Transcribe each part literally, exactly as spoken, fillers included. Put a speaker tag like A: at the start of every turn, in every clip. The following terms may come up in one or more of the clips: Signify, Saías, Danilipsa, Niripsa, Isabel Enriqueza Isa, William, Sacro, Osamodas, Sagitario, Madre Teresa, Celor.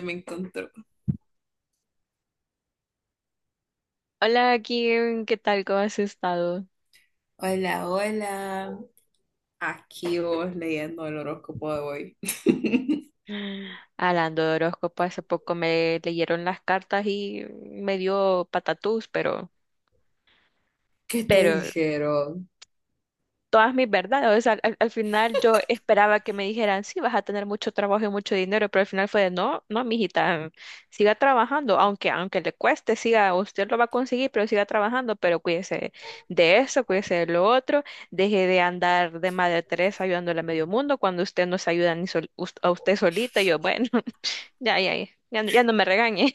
A: Me encontró.
B: Hola Kim, ¿qué tal? ¿Cómo has estado?
A: Hola, hola. Aquí vos leyendo el horóscopo de hoy.
B: Hablando de horóscopo, hace poco me leyeron las cartas y me dio patatús, pero,
A: ¿Qué te
B: pero
A: dijeron?
B: todas mis verdades. O sea, al, al final yo esperaba que me dijeran, sí, vas a tener mucho trabajo y mucho dinero, pero al final fue de, no, no, mijita, siga trabajando, aunque, aunque le cueste, siga, usted lo va a conseguir, pero siga trabajando, pero cuídese de eso, cuídese de lo otro, deje de andar de Madre Teresa ayudándole a medio mundo cuando usted no se ayuda ni sol- us- a usted solita. Y yo, bueno. Ya, ya, ya. Ya no, ya no me regañe.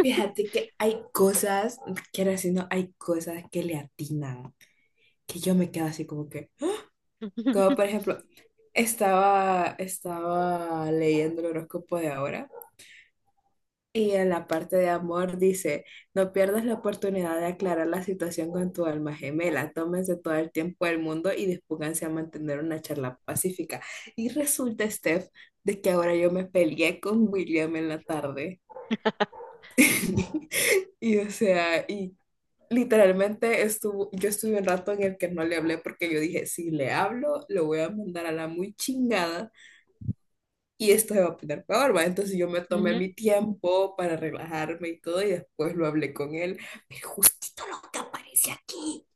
A: Fíjate que hay cosas, quiero decir, no, hay cosas que le atinan, que yo me quedo así como que, como por ejemplo, estaba, estaba leyendo el horóscopo de ahora. Y en la parte de amor dice, no pierdas la oportunidad de aclarar la situación con tu alma gemela, tómense todo el tiempo del mundo y dispónganse a mantener una charla pacífica. Y resulta, Steph, de que ahora yo me peleé con William en la tarde. Y o sea, y literalmente estuvo, yo estuve un rato en el que no le hablé porque yo dije, si le hablo, lo voy a mandar a la muy chingada y esto se va a poner peor, ¿va? Entonces yo me tomé
B: Ujú.
A: mi tiempo para relajarme y todo, y después lo hablé con él, pero justito lo que aparece aquí,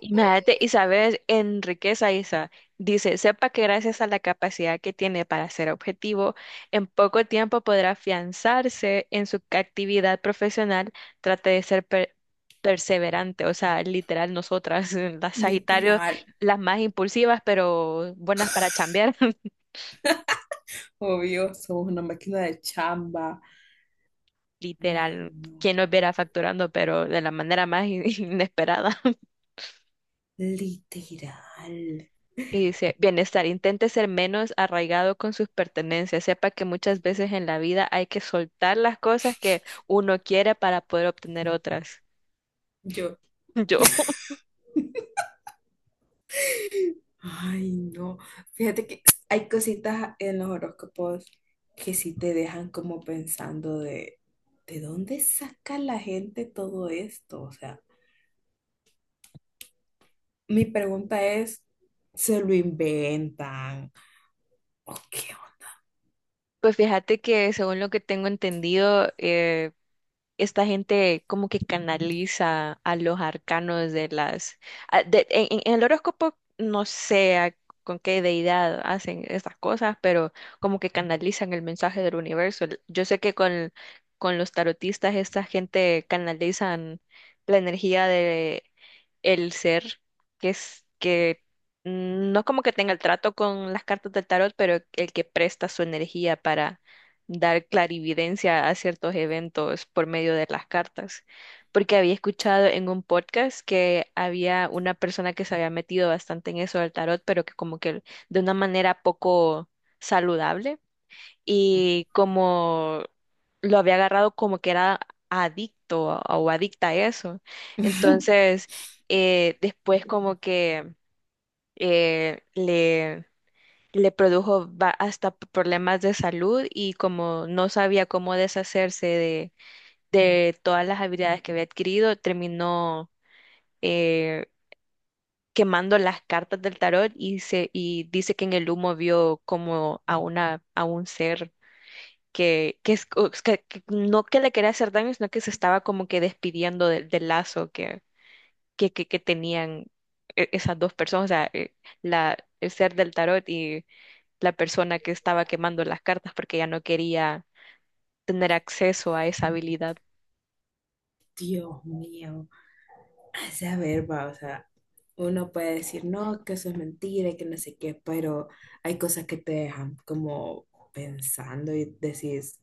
B: Imagínate, Isabel Enriqueza Isa dice, sepa que gracias a la capacidad que tiene para ser objetivo, en poco tiempo podrá afianzarse en su actividad profesional, trate de ser per- perseverante, o sea, literal nosotras, las Sagitario,
A: literal,
B: las más impulsivas, pero buenas para chambear,
A: obvio, somos una máquina de chamba, ay
B: literal,
A: no,
B: quien nos viera facturando, pero de la manera más in- inesperada.
A: literal,
B: Y dice, bienestar, intente ser menos arraigado con sus pertenencias. Sepa que muchas veces en la vida hay que soltar las cosas que uno quiere para poder obtener otras.
A: yo,
B: Yo,
A: ay no, fíjate que hay cositas en los horóscopos que sí te dejan como pensando de, ¿de dónde saca la gente todo esto? O sea... Mi pregunta es, ¿se lo inventan? ¿O qué
B: pues fíjate que según lo que tengo entendido, eh, esta gente como que canaliza a los arcanos de las... a- de- en, en- en el horóscopo no sé a- con qué deidad hacen estas cosas, pero como que canalizan el mensaje del universo. Yo sé que con, con los tarotistas esta gente canalizan la energía de el ser, que es que no como que tenga el trato con las cartas del tarot, pero el que presta su energía dar clarividencia a ciertos eventos por medio de las cartas, porque había escuchado en un podcast que había una persona que se había metido bastante en eso del tarot, pero que como que de una manera poco saludable
A: onda?
B: y como lo había agarrado como que era adicto o o adicta a eso. Entonces, eh, después como que eh, le le produjo va- hasta p- problemas de salud y como no sabía cómo deshacerse de, de todas las habilidades que había adquirido, terminó eh, quemando las cartas del tarot y, se, y dice que en el humo vio como a, una, a un ser que, que, es- o- que- que no que le quería hacer daño, sino que se estaba como que despidiendo del del lazo que, que, que, que tenían e- esas dos personas, o sea, eh, la, el ser del tarot y la persona que estaba quemando las cartas porque ya no quería tener acceso a esa habilidad.
A: Dios mío. O sea, a ver, va, o sea, uno puede decir, no, que eso es mentira y que no sé qué, pero hay cosas que te dejan como pensando y decís,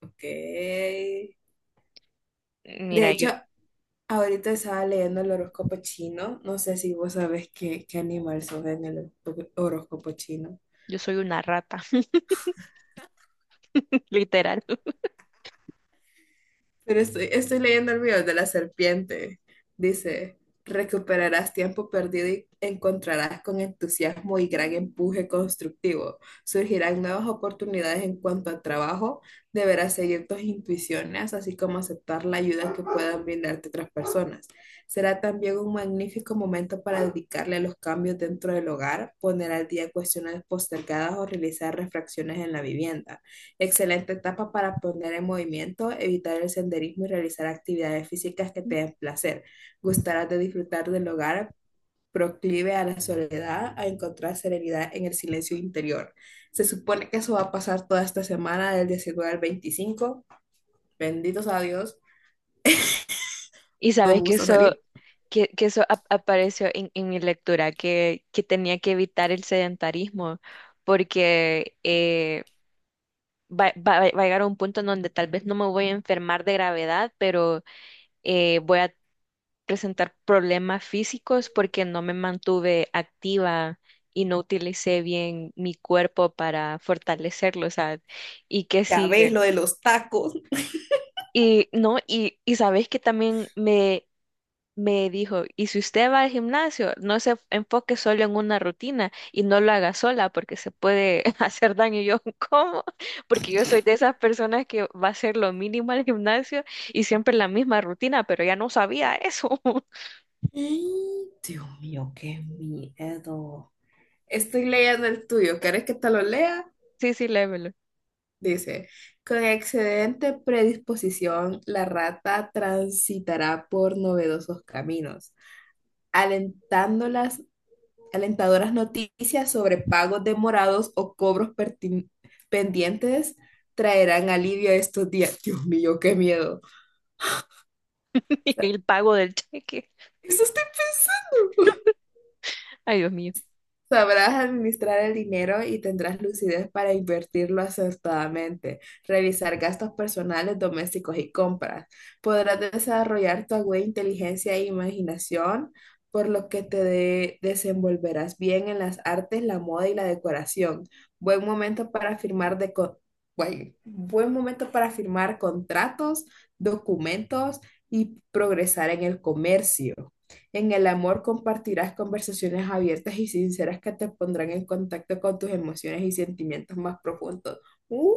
A: ok. De
B: Mira, yo,
A: hecho, ahorita estaba leyendo el horóscopo chino. No sé si vos sabés qué, qué animal sos en el horóscopo chino.
B: yo soy una rata, literal.
A: Pero estoy, estoy leyendo el video de la serpiente. Dice, recuperarás tiempo perdido y encontrarás con entusiasmo y gran empuje constructivo. Surgirán nuevas oportunidades en cuanto a trabajo. Deberás seguir tus intuiciones, así como aceptar la ayuda que puedan brindarte otras personas. Será también un magnífico momento para dedicarle a los cambios dentro del hogar, poner al día cuestiones postergadas o realizar refracciones en la vivienda. Excelente etapa para poner en movimiento, evitar el senderismo y realizar actividades físicas que te den placer. Gustarás de disfrutar del hogar, proclive a la soledad, a encontrar serenidad en el silencio interior. Se supone que eso va a pasar toda esta semana, del diecinueve al veinticinco. Benditos a Dios,
B: Y
A: que no me
B: sabes que
A: gusta
B: eso,
A: salir.
B: que, que eso ap- apareció en, en mi lectura, que, que tenía que evitar el sedentarismo, porque eh, va, va- va a llegar a un punto en donde tal vez no me voy a enfermar de gravedad, pero eh, voy a presentar problemas físicos porque no me mantuve activa y no utilicé bien mi cuerpo para fortalecerlo, o sea, y que
A: Ya ves
B: sigue.
A: lo de los tacos.
B: Y no, y, y sabes que también me, me dijo, y si usted va al gimnasio, no se enfoque solo en una rutina y no lo haga sola porque se puede hacer daño. Y yo, ¿cómo? Porque yo soy de esas personas que va a hacer lo mínimo al gimnasio y siempre la misma rutina, pero ya no sabía eso.
A: Dios mío, qué miedo. Estoy leyendo el tuyo. ¿Quieres que te lo lea?
B: Sí, sí, lévelo.
A: Dice, con excelente predisposición, la rata transitará por novedosos caminos, alentando las alentadoras noticias sobre pagos demorados o cobros pertin- pendientes traerán alivio a estos días. Dios mío, qué miedo. O sea,
B: El pago del cheque.
A: eso estoy pensando.
B: Ay, Dios mío.
A: Sabrás administrar el dinero y tendrás lucidez para invertirlo acertadamente, revisar gastos personales, domésticos y compras. Podrás desarrollar tu aguda inteligencia e imaginación, por lo que te de- desenvolverás bien en las artes, la moda y la decoración. Buen momento para firmar de co- buen buen momento para firmar contratos, documentos y progresar en el comercio. En el amor compartirás conversaciones abiertas y sinceras que te pondrán en contacto con tus emociones y sentimientos más profundos. ¡Uh!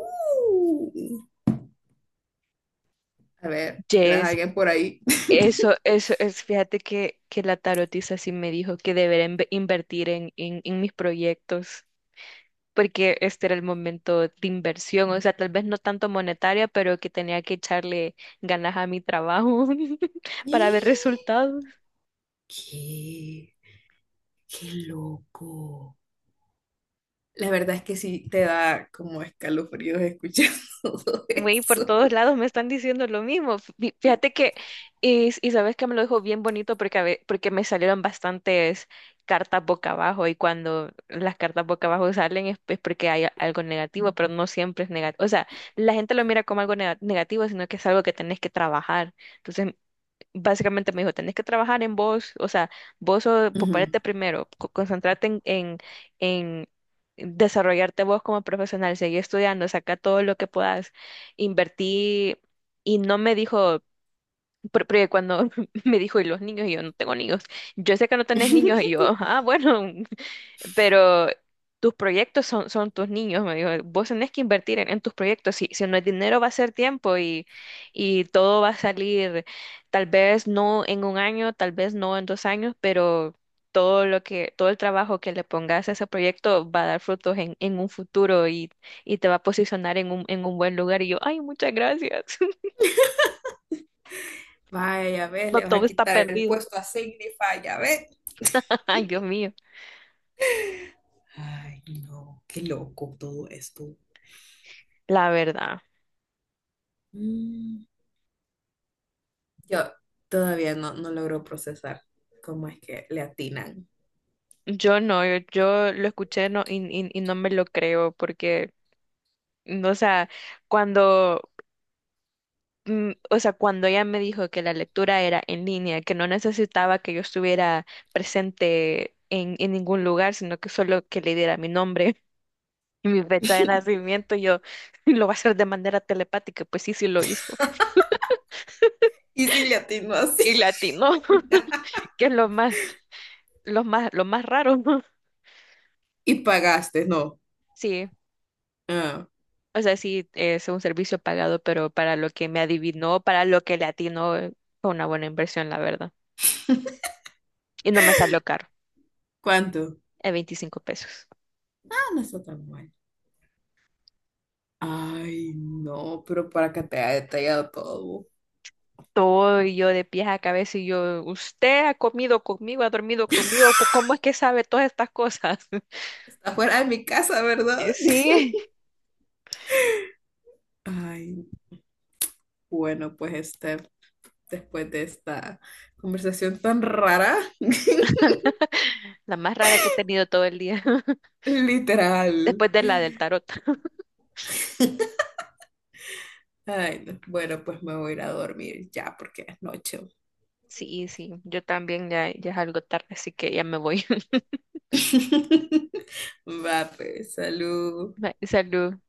A: A ver, ¿tenés a
B: Yes,
A: alguien por ahí?
B: eso, eso es, fíjate que, que la tarotista sí me dijo que debería inve- invertir en, en, en mis proyectos, porque este era el momento de inversión, o sea, tal vez no tanto monetaria, pero que tenía que echarle ganas a mi trabajo para ver resultados.
A: ¿Qué? ¡Qué loco! La verdad es que sí te da como escalofríos escuchar todo
B: Güey, por
A: eso.
B: todos lados me están diciendo lo mismo. Fí- Fíjate que, y, y sabes que me lo dijo bien bonito porque, a ve- porque me salieron bastantes cartas boca abajo y cuando las cartas boca abajo salen es, es porque hay a- algo negativo, pero no siempre es negativo. O sea, la gente lo mira como algo nega- negativo, sino que es algo que tenés que trabajar. Entonces, básicamente me dijo, tenés que trabajar en vos, o sea, vos sos-
A: Ujú.
B: ponerte primero, co- concentrarte en, en, en desarrollarte vos como profesional, seguir estudiando, saca todo lo que puedas, invertí, y no me dijo por- porque cuando me dijo, ¿y los niños? Y yo, no tengo niños. Yo sé que no tenés niños. Y yo, ah, bueno, pero tus proyectos son, son tus niños. Me dijo, vos tenés que invertir en, en tus proyectos. Si, si no es dinero, va a ser tiempo y, y todo va a salir, tal vez no en un año, tal vez no en dos años, pero todo lo que, todo el trabajo que le pongas a ese proyecto va a dar frutos en, en un futuro y, y te va a posicionar en un, en un buen lugar. Y yo, ay, muchas gracias.
A: Vaya, ves,
B: No
A: le vas
B: todo
A: a
B: está
A: quitar el
B: perdido.
A: puesto a Signify, ya ves.
B: Ay, Dios mío.
A: Ay, no, qué loco todo esto.
B: La verdad,
A: Mm. Yo todavía no, no logro procesar cómo es que le atinan.
B: yo no, yo, yo lo escuché no, y, y- y no me lo creo porque, mm, o sea, cuando, mm, o sea, cuando ella me dijo que la lectura era en línea, que no necesitaba que yo estuviera presente en, en ningún lugar, sino que solo que le diera mi nombre y mi fecha de nacimiento, yo lo va a hacer de manera telepática, pues sí, sí lo hizo.
A: ¿Y si le atino así?
B: Y latino, que es lo más, lo más, lo más raro.
A: Y pagaste, no.
B: Sí.
A: Ah,
B: O sea, sí, es un servicio pagado, pero para lo que me adivinó, para lo que le atinó, eh, fue una buena inversión, la verdad. Y no me salió caro,
A: ¿cuánto?
B: a veinticinco pesos.
A: Ah, no está tan mal. Ay, no, pero para que te haya detallado todo.
B: Todo y yo de pies a cabeza y yo, usted ha comido conmigo, ha dormido conmigo, ¿po- ¿cómo es que sabe todas estas cosas?
A: Está fuera de mi casa, ¿verdad?
B: Eh, Sí,
A: Ay, bueno, pues este, después de esta conversación tan rara,
B: la más rara que he tenido todo el día,
A: literal.
B: después de la del tarot.
A: Ay, no. Bueno, pues me voy a ir a dormir ya porque es noche.
B: Sí, sí, yo también ya, ya es algo tarde, así que ya me voy.
A: Va, pues, salud.
B: Bye, Salud.